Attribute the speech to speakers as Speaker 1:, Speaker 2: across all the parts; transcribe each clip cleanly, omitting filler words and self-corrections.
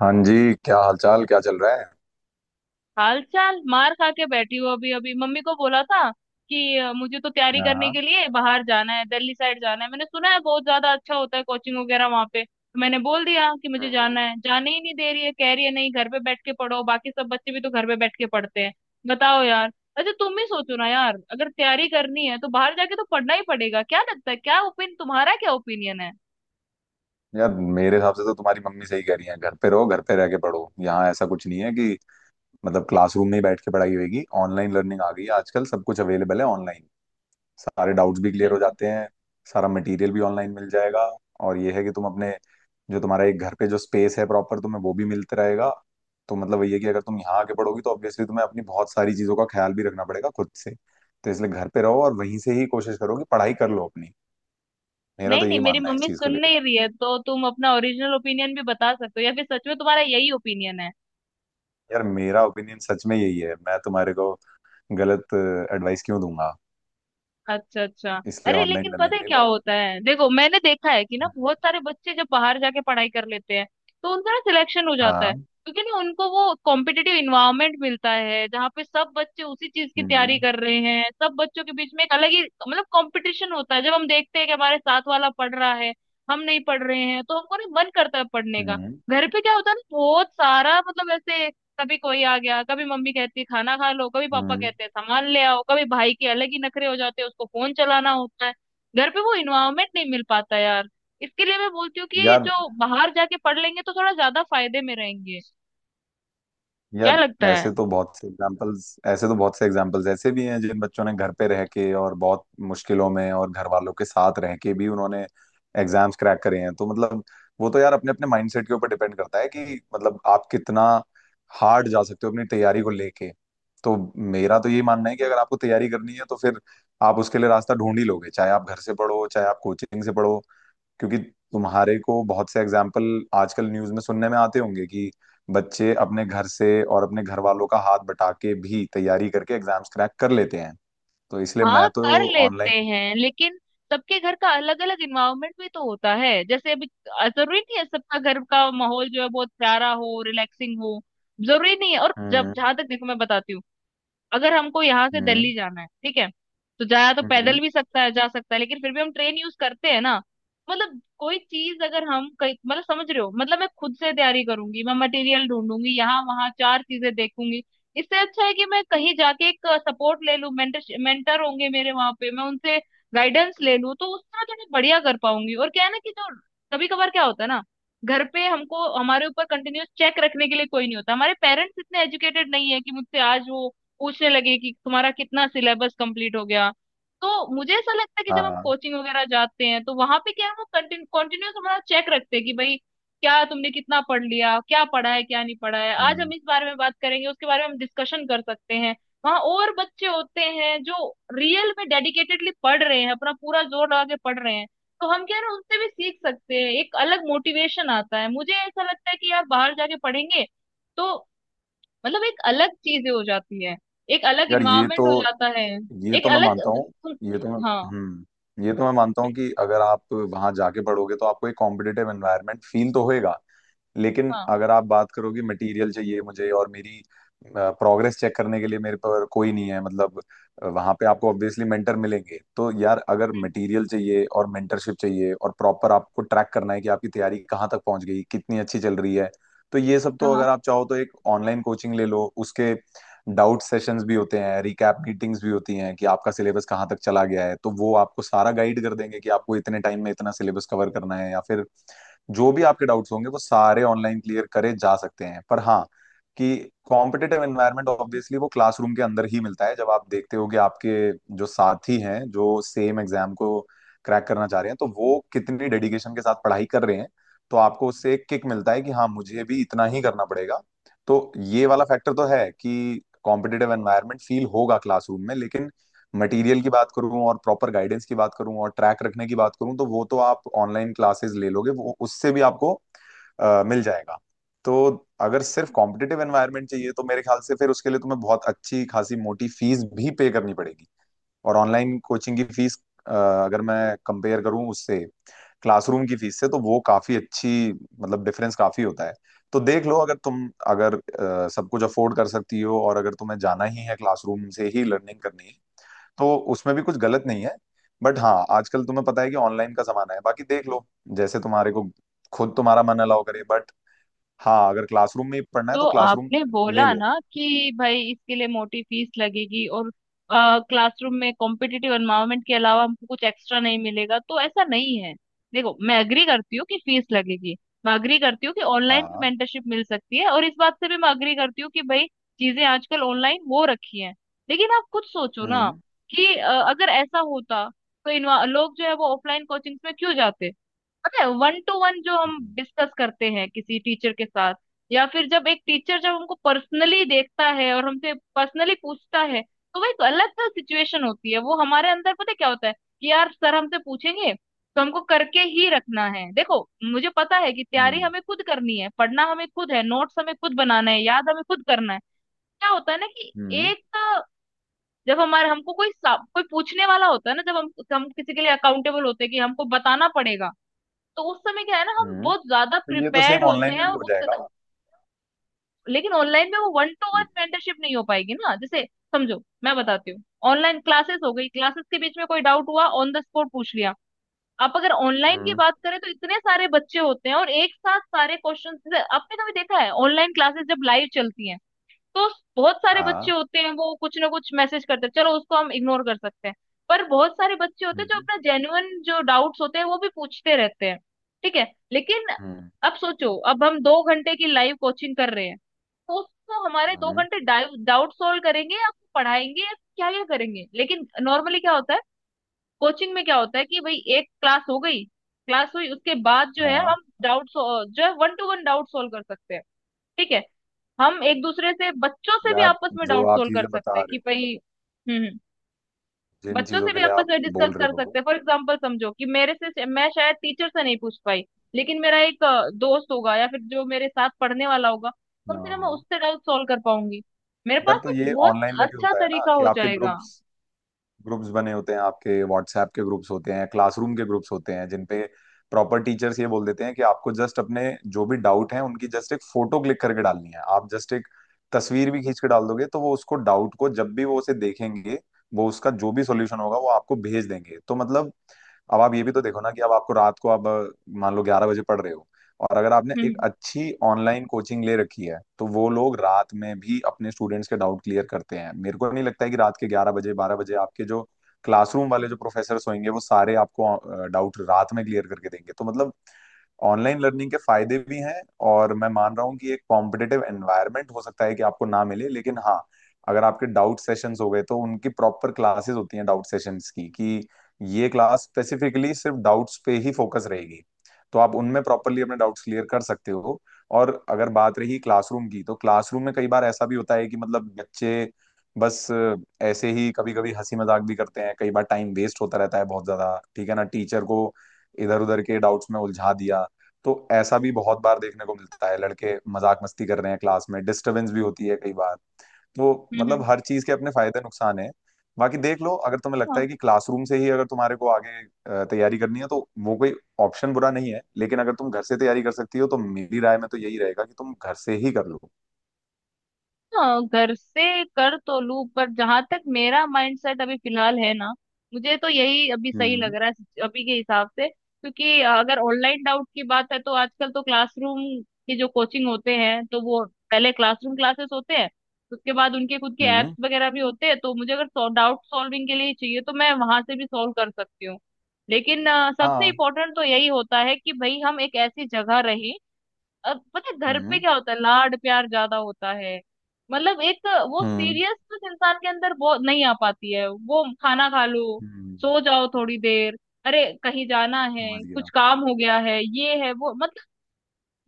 Speaker 1: हाँ जी, क्या हालचाल, क्या चल रहा है?
Speaker 2: हाल चाल मार खा के बैठी हूँ। अभी अभी मम्मी को बोला था कि मुझे तो तैयारी करने
Speaker 1: हाँ।
Speaker 2: के लिए बाहर जाना है, दिल्ली साइड जाना है। मैंने सुना है बहुत ज्यादा अच्छा होता है कोचिंग वगैरह वहां पे, तो मैंने बोल दिया कि मुझे
Speaker 1: हम्म।
Speaker 2: जाना है। जाने ही नहीं दे रही है, कह रही है नहीं घर पे बैठ के पढ़ो, बाकी सब बच्चे भी तो घर पे बैठ के पढ़ते हैं। बताओ यार। अच्छा, तुम ही सोचो ना यार, अगर तैयारी करनी है तो बाहर जाके तो पढ़ना ही पड़ेगा। क्या लगता है? क्या ओपिनियन तुम्हारा? क्या ओपिनियन है?
Speaker 1: यार, मेरे हिसाब से तो तुम्हारी मम्मी सही कह रही है। घर पे रहो, घर पे रह के पढ़ो। यहाँ ऐसा कुछ नहीं है कि मतलब क्लासरूम में ही बैठ के पढ़ाई होगी। ऑनलाइन लर्निंग आ गई है आजकल, सब कुछ अवेलेबल है ऑनलाइन। सारे डाउट्स भी
Speaker 2: अच्छा
Speaker 1: क्लियर हो
Speaker 2: अच्छा।
Speaker 1: जाते हैं। सारा मटेरियल भी ऑनलाइन मिल जाएगा। और ये है कि तुम अपने, जो तुम्हारा एक घर पे जो स्पेस है प्रॉपर, तुम्हें वो भी मिलता रहेगा। तो मतलब ये है कि अगर तुम यहाँ आके पढ़ोगी तो ऑब्वियसली तुम्हें अपनी बहुत सारी चीजों का ख्याल भी रखना पड़ेगा खुद से। तो इसलिए घर पे रहो और वहीं से ही कोशिश करो कि पढ़ाई कर लो अपनी। मेरा तो
Speaker 2: नहीं नहीं,
Speaker 1: यही
Speaker 2: मेरी
Speaker 1: मानना है इस
Speaker 2: मम्मी
Speaker 1: चीज को
Speaker 2: सुन
Speaker 1: लेके।
Speaker 2: नहीं रही है, तो तुम अपना ओरिजिनल ओपिनियन भी बता सकते हो, या फिर सच में तुम्हारा यही ओपिनियन है?
Speaker 1: यार, मेरा ओपिनियन सच में यही है। मैं तुम्हारे को गलत एडवाइस क्यों दूंगा?
Speaker 2: अच्छा अच्छा।
Speaker 1: इसलिए
Speaker 2: अरे
Speaker 1: ऑनलाइन
Speaker 2: लेकिन पता
Speaker 1: लर्निंग
Speaker 2: है
Speaker 1: ले
Speaker 2: क्या
Speaker 1: लो।
Speaker 2: होता है? देखो, मैंने देखा है कि ना,
Speaker 1: हम्म।
Speaker 2: बहुत सारे बच्चे जब बाहर जाके पढ़ाई कर लेते हैं तो उनका ना सिलेक्शन हो जाता है।
Speaker 1: हाँ।
Speaker 2: क्योंकि ना उनको वो कॉम्पिटिटिव इन्वायरमेंट मिलता है जहाँ पे सब बच्चे उसी चीज की तैयारी
Speaker 1: हम्म।
Speaker 2: कर रहे हैं। सब बच्चों के बीच में एक अलग ही मतलब कंपटीशन होता है। जब हम देखते हैं कि हमारे साथ वाला पढ़ रहा है, हम नहीं पढ़ रहे हैं, तो हमको ना मन करता है पढ़ने का।
Speaker 1: हम्म।
Speaker 2: घर पे क्या होता है ना, बहुत सारा मतलब ऐसे, कभी कोई आ गया, कभी मम्मी कहती है खाना खा लो, कभी पापा
Speaker 1: हम्म।
Speaker 2: कहते हैं सामान ले आओ, कभी भाई के अलग ही नखरे हो जाते हैं, उसको फोन चलाना होता है। घर पे वो इन्वायरमेंट नहीं मिल पाता यार। इसके लिए मैं बोलती हूँ कि ये
Speaker 1: यार।
Speaker 2: जो बाहर जाके पढ़ लेंगे तो थोड़ा ज्यादा फायदे में रहेंगे। क्या
Speaker 1: यार।
Speaker 2: लगता है?
Speaker 1: ऐसे तो बहुत से एग्जाम्पल्स ऐसे भी हैं जिन बच्चों ने घर पे रह के और बहुत मुश्किलों में और घर वालों के साथ रह के भी उन्होंने एग्जाम्स क्रैक करे हैं। तो मतलब वो तो यार अपने अपने माइंडसेट के ऊपर डिपेंड करता है कि मतलब आप कितना हार्ड जा सकते हो अपनी तैयारी को लेके। तो मेरा तो यही मानना है कि अगर आपको तैयारी करनी है तो फिर आप उसके लिए रास्ता ढूंढ ही लोगे, चाहे आप घर से पढ़ो, चाहे आप कोचिंग से पढ़ो। क्योंकि तुम्हारे को बहुत से एग्जाम्पल आजकल न्यूज में सुनने में आते होंगे कि बच्चे अपने घर से और अपने घर वालों का हाथ बटा के भी तैयारी करके एग्जाम्स क्रैक कर लेते हैं। तो इसलिए मैं
Speaker 2: हाँ
Speaker 1: तो
Speaker 2: कर लेते
Speaker 1: ऑनलाइन।
Speaker 2: हैं, लेकिन सबके घर का अलग अलग इन्वायरमेंट भी तो होता है। जैसे अभी जरूरी नहीं है सबका घर का माहौल जो है बहुत प्यारा हो, रिलैक्सिंग हो, जरूरी नहीं है। और जब,
Speaker 1: हम्म।
Speaker 2: जहां तक, देखो मैं बताती हूँ, अगर हमको यहाँ से
Speaker 1: हम्म।
Speaker 2: दिल्ली जाना है, ठीक है, तो जाया तो
Speaker 1: हम्म।
Speaker 2: पैदल भी सकता है, जा सकता है, लेकिन फिर भी हम ट्रेन यूज करते हैं ना। मतलब कोई चीज अगर हम कहीं, मतलब समझ रहे हो, मतलब मैं खुद से तैयारी करूंगी, मैं मटेरियल ढूंढूंगी, यहाँ वहाँ चार चीजें देखूंगी। इससे अच्छा है कि मैं कहीं जाके एक सपोर्ट ले लूं, मेंटर मेंटर होंगे मेरे वहां पे, मैं उनसे गाइडेंस ले लूं, तो उस तरह थोड़ा बढ़िया कर पाऊंगी। और क्या है ना कि जो कभी कभार क्या होता है ना, घर पे हमको, हमारे ऊपर कंटिन्यूअस चेक रखने के लिए कोई नहीं होता। हमारे पेरेंट्स इतने एजुकेटेड नहीं है कि मुझसे आज वो पूछने लगे कि तुम्हारा कितना सिलेबस कंप्लीट हो गया। तो मुझे ऐसा लगता है कि जब हम
Speaker 1: हाँ।
Speaker 2: कोचिंग वगैरह जाते हैं तो वहां पे क्या है, वो कंटिन्यूस हमारा चेक रखते हैं कि भाई क्या तुमने कितना पढ़ लिया, क्या पढ़ा है, क्या नहीं पढ़ा है, आज हम
Speaker 1: हम्म।
Speaker 2: इस बारे में बात करेंगे, उसके बारे में हम डिस्कशन कर सकते हैं। वहाँ और बच्चे होते हैं जो रियल में डेडिकेटेडली पढ़ रहे हैं, अपना पूरा जोर लगा के पढ़ रहे हैं। तो हम क्या है ना, उनसे भी सीख सकते हैं, एक अलग मोटिवेशन आता है। मुझे ऐसा लगता है कि यार बाहर जाके पढ़ेंगे तो मतलब एक अलग चीजें हो जाती है, एक अलग
Speaker 1: यार, ये
Speaker 2: इन्वायरमेंट
Speaker 1: तो
Speaker 2: हो जाता है,
Speaker 1: ये
Speaker 2: एक
Speaker 1: तो मैं
Speaker 2: अलग
Speaker 1: मानता
Speaker 2: मतलब
Speaker 1: हूँ।
Speaker 2: तुम।
Speaker 1: ये तो मैं
Speaker 2: हाँ।
Speaker 1: ये तो मैं मानता हूँ
Speaker 2: बिल-
Speaker 1: कि अगर आप वहां जाके पढ़ोगे तो आपको एक कॉम्पिटिटिव एनवायरनमेंट फील तो होएगा। लेकिन
Speaker 2: हाँ।
Speaker 1: अगर आप बात करोगे, मटेरियल चाहिए मुझे, और मेरी प्रोग्रेस चेक करने के लिए मेरे पर कोई नहीं है मतलब, वहां पे आपको ऑब्वियसली मेंटर मिलेंगे। तो यार, अगर
Speaker 2: हम्म,
Speaker 1: मटेरियल चाहिए और मेंटरशिप चाहिए और प्रॉपर आपको ट्रैक करना है कि आपकी तैयारी कहाँ तक पहुंच गई, कितनी अच्छी चल रही है, तो ये सब तो
Speaker 2: हाँ।
Speaker 1: अगर आप चाहो तो एक ऑनलाइन कोचिंग ले लो। उसके डाउट सेशंस भी होते हैं, रिकैप मीटिंग्स भी होती हैं कि आपका सिलेबस कहाँ तक चला गया है। तो वो आपको सारा गाइड कर देंगे कि आपको इतने टाइम में इतना सिलेबस कवर करना है, या फिर जो भी आपके डाउट्स होंगे वो सारे ऑनलाइन क्लियर करे जा सकते हैं। पर हाँ कि कॉम्पिटिटिव एनवायरनमेंट ऑब्वियसली वो क्लासरूम के अंदर ही मिलता है, जब आप देखते हो कि आपके जो साथी हैं, जो सेम एग्जाम को क्रैक करना चाह रहे हैं, तो वो कितनी डेडिकेशन के साथ पढ़ाई कर रहे हैं। तो आपको उससे एक किक मिलता है कि हाँ मुझे भी इतना ही करना पड़ेगा। तो ये वाला फैक्टर तो है कि कॉम्पिटिटिव एनवायरनमेंट फील होगा क्लासरूम में। लेकिन मटेरियल की बात करूं और प्रॉपर गाइडेंस की बात करूं और ट्रैक रखने की बात करूं, तो वो तो आप ऑनलाइन क्लासेस ले लोगे, वो उससे भी आपको मिल जाएगा। तो अगर सिर्फ कॉम्पिटिटिव एनवायरनमेंट चाहिए तो मेरे ख्याल से फिर उसके लिए तुम्हें बहुत अच्छी खासी मोटी फीस भी पे करनी पड़ेगी। और ऑनलाइन कोचिंग की फीस, अगर मैं कंपेयर करूं उससे, क्लासरूम की फीस से, तो वो काफी अच्छी मतलब डिफरेंस काफी होता है। तो देख लो, अगर तुम, अगर सब कुछ अफोर्ड कर सकती हो और अगर तुम्हें जाना ही है, क्लासरूम से ही लर्निंग करनी है, तो उसमें भी कुछ गलत नहीं है। बट हाँ, आजकल तुम्हें पता है कि ऑनलाइन का जमाना है। बाकी देख लो जैसे तुम्हारे को, खुद तुम्हारा मन अलाउ करे। बट हाँ, अगर क्लासरूम में ही पढ़ना है
Speaker 2: जो
Speaker 1: तो क्लासरूम
Speaker 2: आपने
Speaker 1: ले
Speaker 2: बोला
Speaker 1: लो।
Speaker 2: ना कि भाई इसके लिए मोटी फीस लगेगी और क्लासरूम में कॉम्पिटिटिव एनवायरनमेंट के अलावा हमको कुछ एक्स्ट्रा नहीं मिलेगा, तो ऐसा नहीं है। देखो, मैं अग्री करती हूँ कि फीस लगेगी, मैं अग्री करती हूँ कि ऑनलाइन भी
Speaker 1: हाँ।
Speaker 2: मेंटरशिप मिल सकती है, और इस बात से भी मैं अग्री करती हूँ कि भाई चीजें आजकल ऑनलाइन हो रखी हैं। लेकिन आप खुद सोचो ना
Speaker 1: हम्म।
Speaker 2: कि अगर ऐसा होता तो लोग जो है वो ऑफलाइन कोचिंग्स में क्यों जाते? पता है वन टू वन जो हम
Speaker 1: हम्म।
Speaker 2: डिस्कस करते हैं किसी टीचर के साथ, या फिर जब एक टीचर जब हमको पर्सनली देखता है और हमसे पर्सनली पूछता है, तो वो एक अलग सा सिचुएशन होती है। वो हमारे अंदर पता है क्या होता है कि यार सर हमसे पूछेंगे तो हमको करके ही रखना है। देखो, मुझे पता है कि तैयारी
Speaker 1: हम्म।
Speaker 2: हमें खुद करनी है, पढ़ना हमें खुद है, नोट्स हमें खुद बनाना है, याद हमें खुद करना है। क्या होता है ना कि
Speaker 1: हम्म।
Speaker 2: एक जब हमारे, हमको कोई कोई पूछने वाला होता है ना, जब हम किसी के लिए अकाउंटेबल होते हैं कि हमको बताना पड़ेगा, तो उस समय क्या है ना, हम
Speaker 1: हम्म।
Speaker 2: बहुत ज्यादा
Speaker 1: तो ये तो सेम
Speaker 2: प्रिपेयर्ड होते
Speaker 1: ऑनलाइन में
Speaker 2: हैं।
Speaker 1: भी
Speaker 2: और
Speaker 1: हो जाएगा।
Speaker 2: लेकिन ऑनलाइन में वो वन टू वन मेंटरशिप नहीं हो पाएगी ना। जैसे समझो, मैं बताती हूँ, ऑनलाइन क्लासेस हो गई, क्लासेस के बीच में कोई डाउट हुआ, ऑन द स्पॉट पूछ लिया। आप अगर ऑनलाइन की
Speaker 1: हम्म।
Speaker 2: बात करें तो इतने सारे बच्चे होते हैं, और एक साथ सारे क्वेश्चन, आपने कभी देखा है ऑनलाइन क्लासेस जब लाइव चलती हैं, तो बहुत सारे बच्चे
Speaker 1: हाँ।
Speaker 2: होते हैं वो कुछ ना कुछ मैसेज करते हैं। चलो उसको हम इग्नोर कर सकते हैं, पर बहुत सारे बच्चे होते हैं जो
Speaker 1: हम्म।
Speaker 2: अपना जेन्युइन जो डाउट्स होते हैं वो भी पूछते रहते हैं। ठीक है, लेकिन
Speaker 1: हम्म।
Speaker 2: अब सोचो, अब हम दो घंटे की लाइव कोचिंग कर रहे हैं, तो उसको हमारे दो
Speaker 1: हम्म।
Speaker 2: घंटे डाउट सॉल्व करेंगे, या पढ़ाएंगे, या क्या क्या करेंगे? लेकिन नॉर्मली क्या होता है, कोचिंग में क्या होता है कि भाई एक क्लास हो गई, क्लास हुई, उसके बाद जो है
Speaker 1: हाँ।
Speaker 2: हम डाउट जो है one to one doubt solve कर सकते हैं। ठीक है, हम एक दूसरे से, बच्चों से भी
Speaker 1: यार,
Speaker 2: आपस में
Speaker 1: जो
Speaker 2: डाउट
Speaker 1: आप
Speaker 2: सोल्व कर
Speaker 1: चीजें
Speaker 2: सकते
Speaker 1: बता
Speaker 2: हैं
Speaker 1: रहे
Speaker 2: कि
Speaker 1: हो,
Speaker 2: भाई। हम्म हम्म,
Speaker 1: जिन
Speaker 2: बच्चों
Speaker 1: चीजों
Speaker 2: से
Speaker 1: के
Speaker 2: भी
Speaker 1: लिए
Speaker 2: आपस
Speaker 1: आप
Speaker 2: में डिस्कस
Speaker 1: बोल रहे
Speaker 2: कर सकते
Speaker 1: हो।
Speaker 2: हैं। फॉर एग्जांपल, समझो कि मेरे से, मैं शायद टीचर से नहीं पूछ पाई, लेकिन मेरा एक दोस्त होगा, या फिर जो मेरे साथ पढ़ने वाला होगा, कम
Speaker 1: हाँ।
Speaker 2: से कम मैं
Speaker 1: हाँ।
Speaker 2: उससे डाउट सोल्व कर पाऊंगी। मेरे
Speaker 1: यार,
Speaker 2: पास
Speaker 1: तो
Speaker 2: एक
Speaker 1: ये
Speaker 2: बहुत
Speaker 1: ऑनलाइन में भी
Speaker 2: अच्छा
Speaker 1: होता है ना,
Speaker 2: तरीका
Speaker 1: कि
Speaker 2: हो
Speaker 1: आपके
Speaker 2: जाएगा।
Speaker 1: ग्रुप्स, बने होते हैं, आपके व्हाट्सएप के ग्रुप्स होते हैं, क्लासरूम के ग्रुप्स होते हैं, जिन पे प्रॉपर टीचर्स ये बोल देते हैं कि आपको जस्ट अपने जो भी डाउट हैं उनकी जस्ट एक फोटो क्लिक करके डालनी है। आप जस्ट एक तस्वीर भी खींच के डाल दोगे तो वो उसको डाउट को जब भी वो उसे देखेंगे, वो उसका जो भी सॉल्यूशन होगा वो आपको भेज देंगे। तो मतलब अब आप ये भी तो देखो ना कि अब आपको रात को, अब मान लो 11 बजे पढ़ रहे हो, और अगर आपने एक
Speaker 2: हम्म
Speaker 1: अच्छी ऑनलाइन कोचिंग ले रखी है तो वो लोग रात में भी अपने स्टूडेंट्स के डाउट क्लियर करते हैं। मेरे को नहीं लगता है कि रात के 11 बजे, 12 बजे, आपके जो क्लासरूम वाले जो प्रोफेसर्स होंगे वो सारे आपको डाउट रात में क्लियर करके देंगे। तो मतलब ऑनलाइन लर्निंग के फायदे भी हैं। और मैं मान रहा हूँ कि एक कॉम्पिटिटिव एनवायरनमेंट हो सकता है कि आपको ना मिले, लेकिन हाँ, अगर आपके डाउट सेशंस हो गए तो उनकी प्रॉपर क्लासेस होती हैं डाउट सेशंस की, कि ये क्लास स्पेसिफिकली सिर्फ डाउट्स पे ही फोकस रहेगी। तो आप उनमें प्रॉपरली अपने डाउट्स क्लियर कर सकते हो। और अगर बात रही क्लासरूम की, तो क्लासरूम में कई बार ऐसा भी होता है कि मतलब बच्चे बस ऐसे ही कभी कभी हंसी मजाक भी करते हैं। कई बार टाइम वेस्ट होता रहता है बहुत ज्यादा, ठीक है ना, टीचर को इधर उधर के डाउट्स में उलझा दिया। तो ऐसा भी बहुत बार देखने को मिलता है, लड़के मजाक मस्ती कर रहे हैं क्लास में, डिस्टरबेंस भी होती है कई बार वो,
Speaker 2: हम्म
Speaker 1: मतलब
Speaker 2: हम्म
Speaker 1: हर चीज के अपने फायदे नुकसान है। बाकी देख लो, अगर तुम्हें लगता
Speaker 2: हाँ।
Speaker 1: है कि क्लासरूम से ही अगर तुम्हारे को आगे तैयारी करनी है, तो वो कोई ऑप्शन बुरा नहीं है। लेकिन अगर तुम घर से तैयारी कर सकती हो तो मेरी राय में तो यही रहेगा कि तुम घर से ही कर लो।
Speaker 2: हाँ घर से कर तो लूँ, पर जहां तक मेरा माइंडसेट अभी फिलहाल है ना, मुझे तो यही अभी सही लग
Speaker 1: हम्म।
Speaker 2: रहा है। अभी के हिसाब से, क्योंकि अगर ऑनलाइन डाउट की बात है तो आजकल तो क्लासरूम की जो कोचिंग होते हैं तो वो पहले क्लासरूम क्लासेस होते हैं, उसके बाद उनके खुद के एप्स
Speaker 1: हम्म।
Speaker 2: वगैरह भी होते हैं। तो मुझे अगर डाउट सॉल्विंग के लिए चाहिए तो मैं वहां से भी सॉल्व कर सकती हूँ। लेकिन सबसे
Speaker 1: हाँ।
Speaker 2: इम्पोर्टेंट तो यही होता है कि भाई हम एक ऐसी जगह रहें। अब पता है घर पे
Speaker 1: हम्म।
Speaker 2: क्या होता है, लाड प्यार ज्यादा होता है। मतलब एक वो
Speaker 1: हम्म।
Speaker 2: सीरियसनेस इंसान के अंदर वो नहीं आ पाती है। वो खाना खा लो,
Speaker 1: हम्म।
Speaker 2: सो जाओ थोड़ी देर, अरे कहीं जाना है,
Speaker 1: समझ गया।
Speaker 2: कुछ काम हो गया है, ये है वो, मतलब।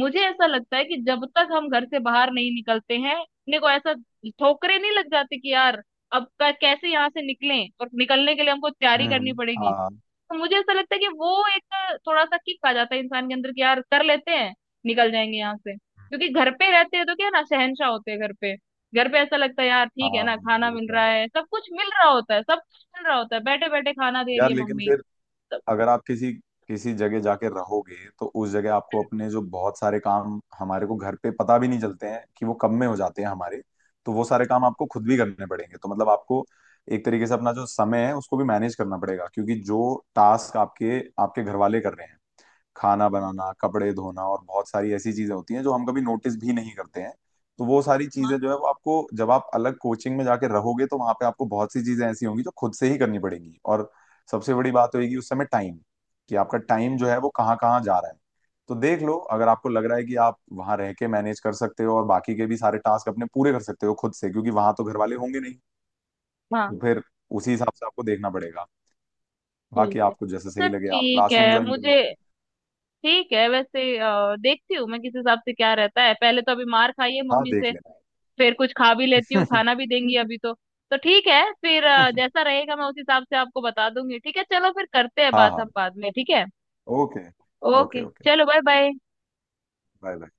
Speaker 2: मुझे ऐसा लगता है कि जब तक हम घर से बाहर नहीं निकलते हैं, अपने को ऐसा ठोकरे नहीं लग जाते कि यार अब कैसे यहाँ से निकलें और निकलने के लिए हमको तैयारी करनी
Speaker 1: हम्म।
Speaker 2: पड़ेगी।
Speaker 1: हाँ।
Speaker 2: तो मुझे ऐसा लगता है कि वो एक थोड़ा सा किक आ जाता है इंसान के अंदर कि यार कर लेते हैं, निकल जाएंगे यहाँ से। क्योंकि घर पे रहते हैं तो क्या ना, शहंशाह होते हैं घर पे। घर पे ऐसा लगता है यार ठीक है
Speaker 1: हाँ।
Speaker 2: ना, खाना
Speaker 1: ये
Speaker 2: मिल
Speaker 1: तो
Speaker 2: रहा
Speaker 1: है।
Speaker 2: है, सब कुछ मिल रहा होता है, सब कुछ मिल रहा होता है, बैठे बैठे खाना दे रही
Speaker 1: यार
Speaker 2: है
Speaker 1: लेकिन
Speaker 2: मम्मी,
Speaker 1: फिर
Speaker 2: सब।
Speaker 1: अगर आप किसी किसी जगह जाके रहोगे तो उस जगह आपको अपने, जो बहुत सारे काम हमारे को घर पे पता भी नहीं चलते हैं कि वो कब में हो जाते हैं हमारे, तो वो सारे काम आपको खुद भी करने पड़ेंगे। तो मतलब आपको एक तरीके से अपना जो समय है उसको भी मैनेज करना पड़ेगा, क्योंकि जो टास्क आपके आपके घर वाले कर रहे हैं, खाना बनाना, कपड़े धोना और बहुत सारी ऐसी चीजें होती हैं जो हम कभी नोटिस भी नहीं करते हैं। तो वो सारी
Speaker 2: हाँ
Speaker 1: चीजें जो है वो आपको, जब आप अलग कोचिंग में जाके रहोगे तो वहां पे आपको बहुत सी चीजें ऐसी होंगी जो खुद से ही करनी पड़ेंगी। और सबसे बड़ी बात होगी उस समय टाइम, कि आपका टाइम जो है वो कहाँ कहाँ जा रहा है। तो देख लो अगर आपको लग रहा है कि आप वहां रह के मैनेज कर सकते हो और बाकी के भी सारे टास्क अपने पूरे कर सकते हो खुद से, क्योंकि वहां तो घर वाले होंगे नहीं,
Speaker 2: हाँ,
Speaker 1: तो फिर उसी हिसाब से आपको देखना पड़ेगा।
Speaker 2: ठीक
Speaker 1: बाकी
Speaker 2: है।
Speaker 1: आपको जैसे
Speaker 2: अच्छा
Speaker 1: सही लगे, आप
Speaker 2: ठीक
Speaker 1: क्लासरूम
Speaker 2: है,
Speaker 1: ज्वाइन कर लो।
Speaker 2: मुझे, ठीक है वैसे, देखती हूँ मैं किस हिसाब से क्या रहता है। पहले तो अभी मार खाई है
Speaker 1: हाँ,
Speaker 2: मम्मी से,
Speaker 1: देख
Speaker 2: फिर कुछ खा भी लेती हूँ,
Speaker 1: लेना।
Speaker 2: खाना भी देंगी अभी तो। तो ठीक है, फिर जैसा रहेगा मैं उस हिसाब से आपको बता दूंगी, ठीक है? चलो फिर करते हैं
Speaker 1: हाँ।
Speaker 2: बात हम
Speaker 1: हाँ।
Speaker 2: बाद में, ठीक है?
Speaker 1: ओके। ओके।
Speaker 2: Okay,
Speaker 1: okay.
Speaker 2: चलो बाय बाय।
Speaker 1: Bye bye.